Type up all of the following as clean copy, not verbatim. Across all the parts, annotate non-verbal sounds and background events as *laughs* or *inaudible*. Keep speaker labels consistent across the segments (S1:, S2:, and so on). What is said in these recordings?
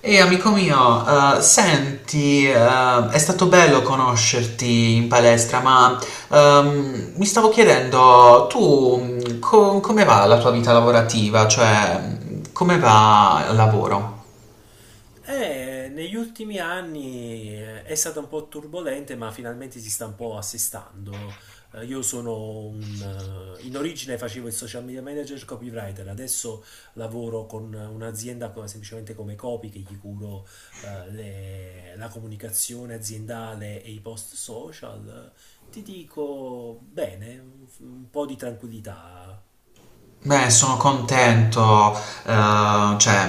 S1: Ehi amico mio, senti, è stato bello conoscerti in palestra, ma mi stavo chiedendo, tu come va la tua vita lavorativa? Cioè, come va il lavoro?
S2: Negli ultimi anni è stata un po' turbolente, ma finalmente si sta un po' assestando. Io sono in origine facevo il social media manager copywriter, adesso lavoro con un'azienda semplicemente come copy che gli curo la comunicazione aziendale e i post social. Ti dico bene, un po' di tranquillità.
S1: Beh, sono contento, cioè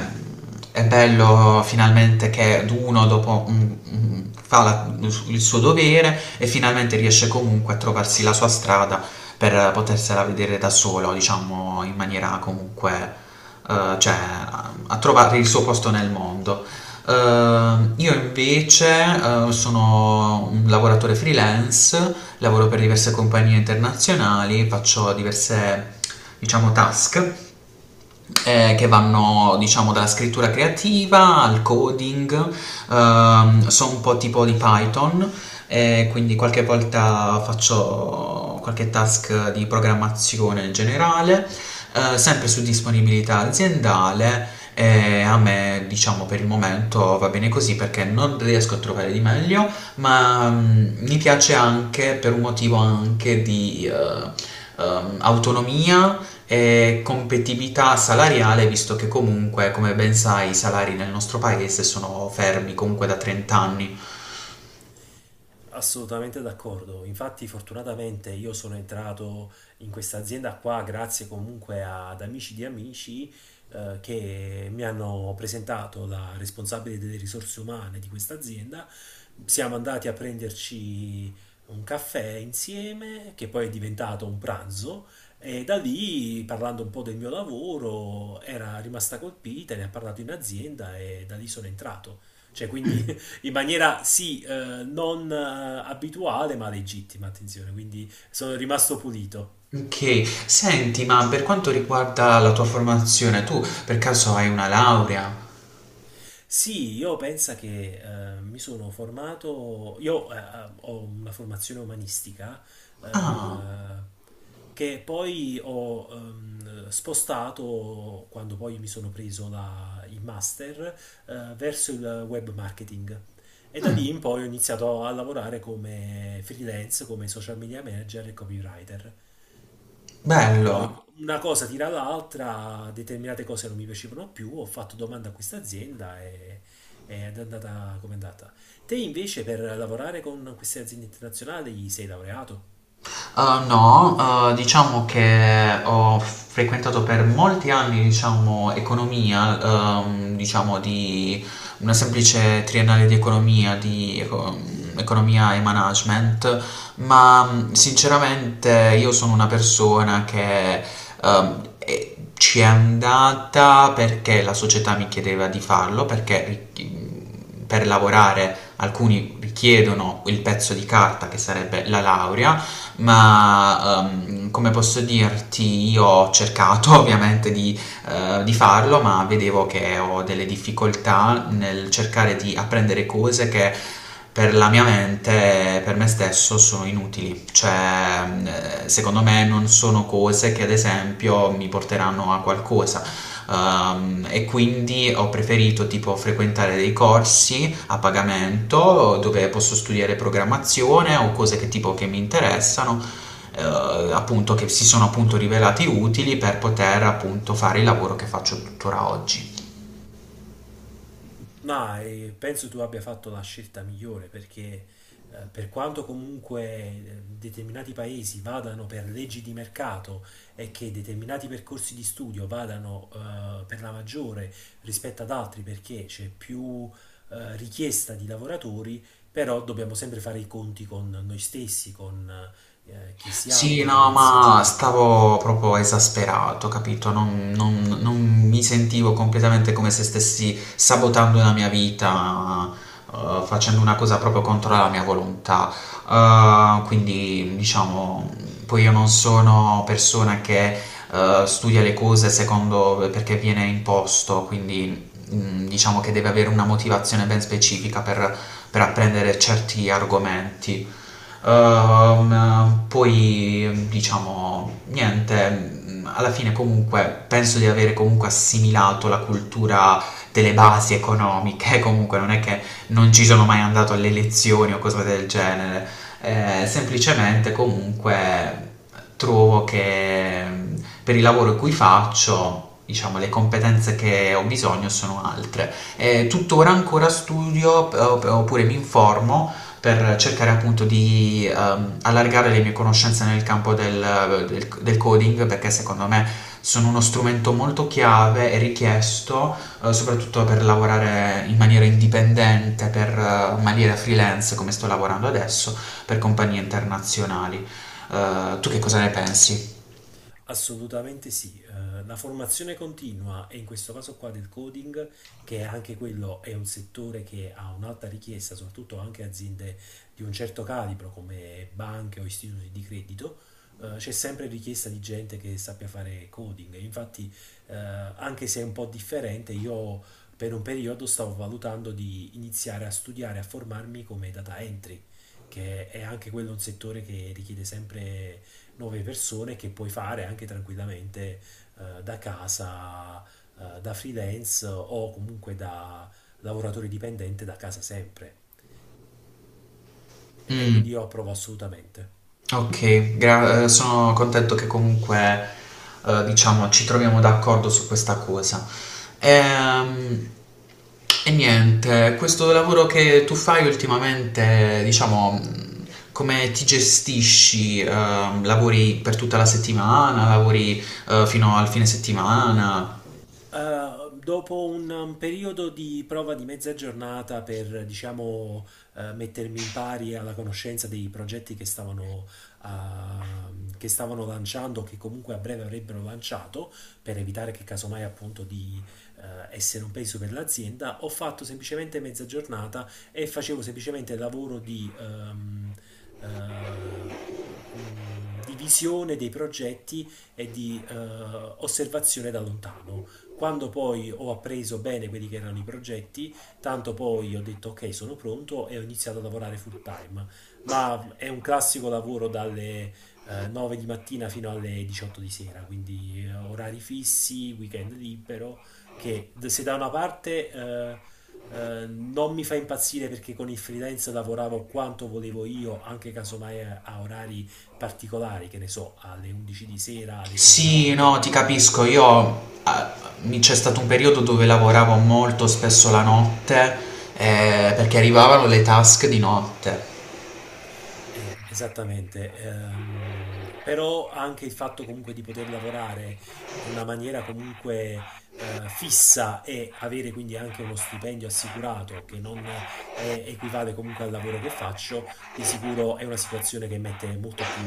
S1: è bello finalmente che uno dopo fa la- il suo dovere e finalmente riesce comunque a trovarsi la sua strada per potersela vedere da solo, diciamo in maniera comunque, cioè a trovare il suo posto nel mondo. Io invece, sono un lavoratore freelance, lavoro per diverse compagnie internazionali, faccio diverse diciamo task che vanno diciamo dalla scrittura creativa al coding, so un po' tipo di Python, quindi qualche volta faccio qualche task di programmazione in generale, sempre su disponibilità aziendale. E a me, diciamo, per il momento va bene così perché non riesco a trovare di meglio ma mi piace anche per un motivo anche di autonomia e competitività salariale, visto che comunque, come ben sai, i salari nel nostro paese sono fermi comunque da 30 anni.
S2: Assolutamente d'accordo. Infatti, fortunatamente io sono entrato in questa azienda qua grazie comunque ad amici di amici che mi hanno presentato la responsabile delle risorse umane di questa azienda. Siamo andati a prenderci un caffè insieme, che poi è diventato un pranzo, e da lì, parlando un po' del mio lavoro, era rimasta colpita, ne ha parlato in azienda e da lì sono entrato. Cioè, quindi in maniera sì, non abituale, ma legittima, attenzione, quindi sono rimasto pulito.
S1: Ok, senti, ma per quanto riguarda la tua formazione, tu per caso hai una laurea?
S2: Sì, io penso che mi sono formato, io ho una formazione umanistica
S1: Ah,
S2: eh, che poi ho spostato quando poi mi sono preso il master verso il web marketing. E da lì in poi ho iniziato a lavorare come freelance, come social media manager e copywriter. Poi
S1: bello.
S2: una cosa tira l'altra, determinate cose non mi piacevano più, ho fatto domanda a questa azienda ed è andata come è andata. Te invece per lavorare con queste aziende internazionali sei laureato?
S1: No, diciamo che ho frequentato per molti anni, diciamo, economia, diciamo di una semplice triennale di economia, economia e management, ma sinceramente io sono una persona che ci è andata perché la società mi chiedeva di farlo, ri- per lavorare alcuni richiedono il pezzo di carta che sarebbe la laurea ma come posso dirti, io ho cercato *laughs* ovviamente di farlo, ma vedevo che ho delle difficoltà nel cercare di apprendere cose che per la mia mente, per me stesso, sono inutili. Cioè, secondo me non sono cose che ad esempio mi porteranno a qualcosa. E quindi ho preferito tipo frequentare dei corsi a pagamento dove posso studiare programmazione o cose che tipo che mi interessano, eh, appunto che si sono appunto rivelati utili per poter appunto fare il lavoro che faccio tuttora oggi.
S2: No, e penso tu abbia fatto la scelta migliore perché per quanto comunque determinati paesi vadano per leggi di mercato e che determinati percorsi di studio vadano per la maggiore rispetto ad altri perché c'è più richiesta di lavoratori, però dobbiamo sempre fare i conti con noi stessi, con chi siamo,
S1: Sì,
S2: come
S1: no, ma
S2: pensiamo.
S1: stavo proprio esasperato, capito? Non mi sentivo completamente come se stessi sabotando la mia vita, facendo una cosa proprio contro la mia volontà. Quindi, diciamo, poi io non sono persona che studia le cose secondo perché viene imposto, quindi diciamo che deve avere una motivazione ben specifica per apprendere certi argomenti. Poi diciamo niente, alla fine comunque penso di avere comunque assimilato la cultura delle basi economiche, *laughs* comunque non è che non ci sono mai andato alle elezioni o cose del genere, semplicemente comunque trovo che per il lavoro cui faccio diciamo, le competenze che ho bisogno sono altre. Tuttora ancora studio oppure mi informo per cercare appunto di allargare le mie conoscenze nel campo del coding, perché secondo me sono uno strumento molto chiave e richiesto soprattutto per lavorare in maniera indipendente, per in maniera freelance come sto lavorando adesso, per compagnie internazionali. Tu che cosa ne pensi?
S2: Assolutamente sì, la formazione continua e in questo caso qua del coding, che anche quello è un settore che ha un'alta richiesta, soprattutto anche aziende di un certo calibro come banche o istituti di credito, c'è sempre richiesta di gente che sappia fare coding. Infatti, anche se è un po' differente, io per un periodo stavo valutando di iniziare a studiare, a formarmi come data entry, che è anche quello un settore che richiede sempre nuove persone che puoi fare anche tranquillamente da casa, da freelance o comunque da lavoratore dipendente da casa sempre. E
S1: Mm.
S2: quindi io approvo assolutamente.
S1: Ok, sono contento che comunque, diciamo, ci troviamo d'accordo su questa cosa. Ehm, e niente, questo lavoro che tu fai ultimamente, diciamo, come ti gestisci? Lavori per tutta la settimana? Lavori, fino al fine settimana?
S2: Dopo un periodo di prova di mezza giornata per, diciamo, mettermi in pari alla conoscenza dei progetti che stavano, ah, che stavano lanciando, che comunque a breve avrebbero lanciato, per evitare che casomai appunto di essere un peso per l'azienda, ho fatto semplicemente mezza giornata e facevo semplicemente il lavoro di visione dei progetti e di osservazione da lontano. Quando poi ho appreso bene quelli che erano i progetti, tanto poi ho detto ok, sono pronto e ho iniziato a lavorare full time. Ma è un classico lavoro dalle 9 di mattina fino alle 18 di sera, quindi orari fissi, weekend libero, che se da una parte non mi fa impazzire perché con il freelance lavoravo quanto volevo io, anche casomai a orari particolari, che ne so, alle 11 di sera, alle 3 di
S1: Sì, no,
S2: notte.
S1: ti capisco. Io c'è stato un periodo dove lavoravo molto spesso la notte perché arrivavano le task di notte.
S2: Esattamente. Però anche il fatto comunque di poter lavorare in una maniera comunque fissa e avere quindi anche uno stipendio assicurato che non equivale comunque al lavoro che faccio, di sicuro è una situazione che mette molto più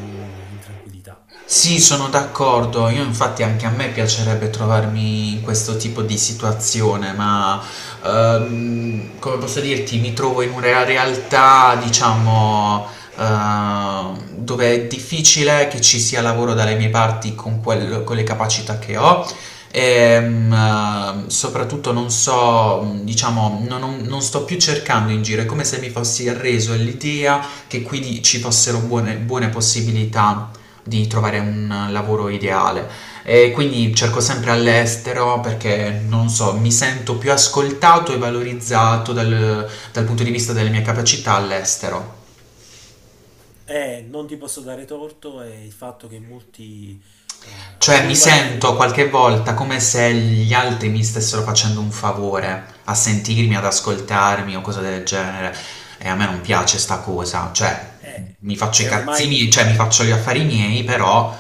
S2: in tranquillità.
S1: Sì, sono d'accordo. Io infatti anche a me piacerebbe trovarmi in questo tipo di situazione, ma come posso dirti, mi trovo in una realtà, diciamo, dove è difficile che ci sia lavoro dalle mie parti con le capacità che ho. E, soprattutto non so, diciamo, non sto più cercando in giro, è come se mi fossi arreso all'idea che qui ci fossero buone possibilità di trovare un lavoro ideale e quindi cerco sempre all'estero perché non so, mi sento più ascoltato e valorizzato dal punto di vista delle mie capacità all'estero.
S2: Non ti posso dare torto, è il fatto che molti
S1: Cioè mi
S2: giovani
S1: sento qualche volta come se gli altri mi stessero facendo un favore a sentirmi, ad ascoltarmi o cose del genere e a me non piace sta cosa, cioè
S2: eh,
S1: mi faccio i
S2: è ormai un...
S1: cazzini, cioè mi faccio gli affari miei, però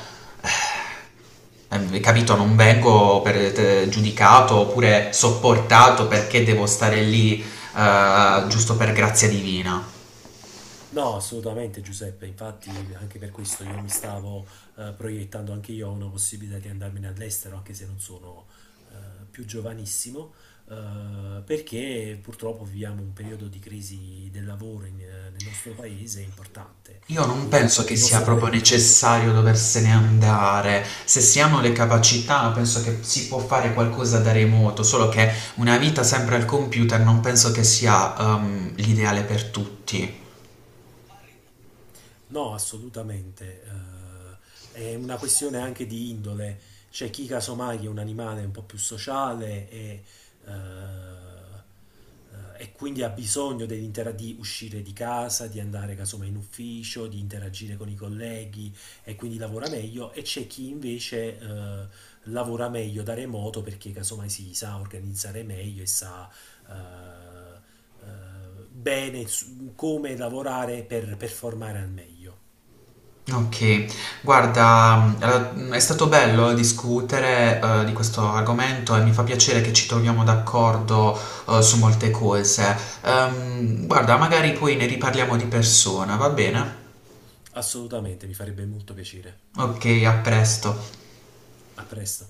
S1: Capito, non vengo giudicato oppure sopportato perché devo stare lì giusto per grazia divina.
S2: No, assolutamente Giuseppe, infatti anche per questo io mi stavo proiettando anche io a una possibilità di andarmene all'estero, anche se non sono più giovanissimo, perché purtroppo viviamo un periodo di crisi del lavoro nel nostro paese importante,
S1: Io non
S2: quindi
S1: penso
S2: non
S1: che
S2: ti
S1: sia
S2: posso dare
S1: proprio
S2: torto.
S1: necessario doversene andare. Se si hanno le capacità, penso che si può fare qualcosa da remoto, solo che una vita sempre al computer non penso che sia l'ideale per tutti.
S2: No, assolutamente. È una questione anche di indole. C'è chi casomai è un animale un po' più sociale eh, e quindi ha bisogno di uscire di casa, di andare casomai in ufficio, di interagire con i colleghi e quindi lavora meglio. E c'è chi invece lavora meglio da remoto perché casomai si sa organizzare meglio e sa bene su come lavorare per performare al meglio.
S1: Okay. Guarda, allora, è stato bello discutere, di questo argomento e mi fa piacere che ci troviamo d'accordo, su molte cose. Guarda, magari poi ne riparliamo di persona, va bene?
S2: Assolutamente, mi farebbe molto piacere.
S1: Okay, a presto.
S2: A presto.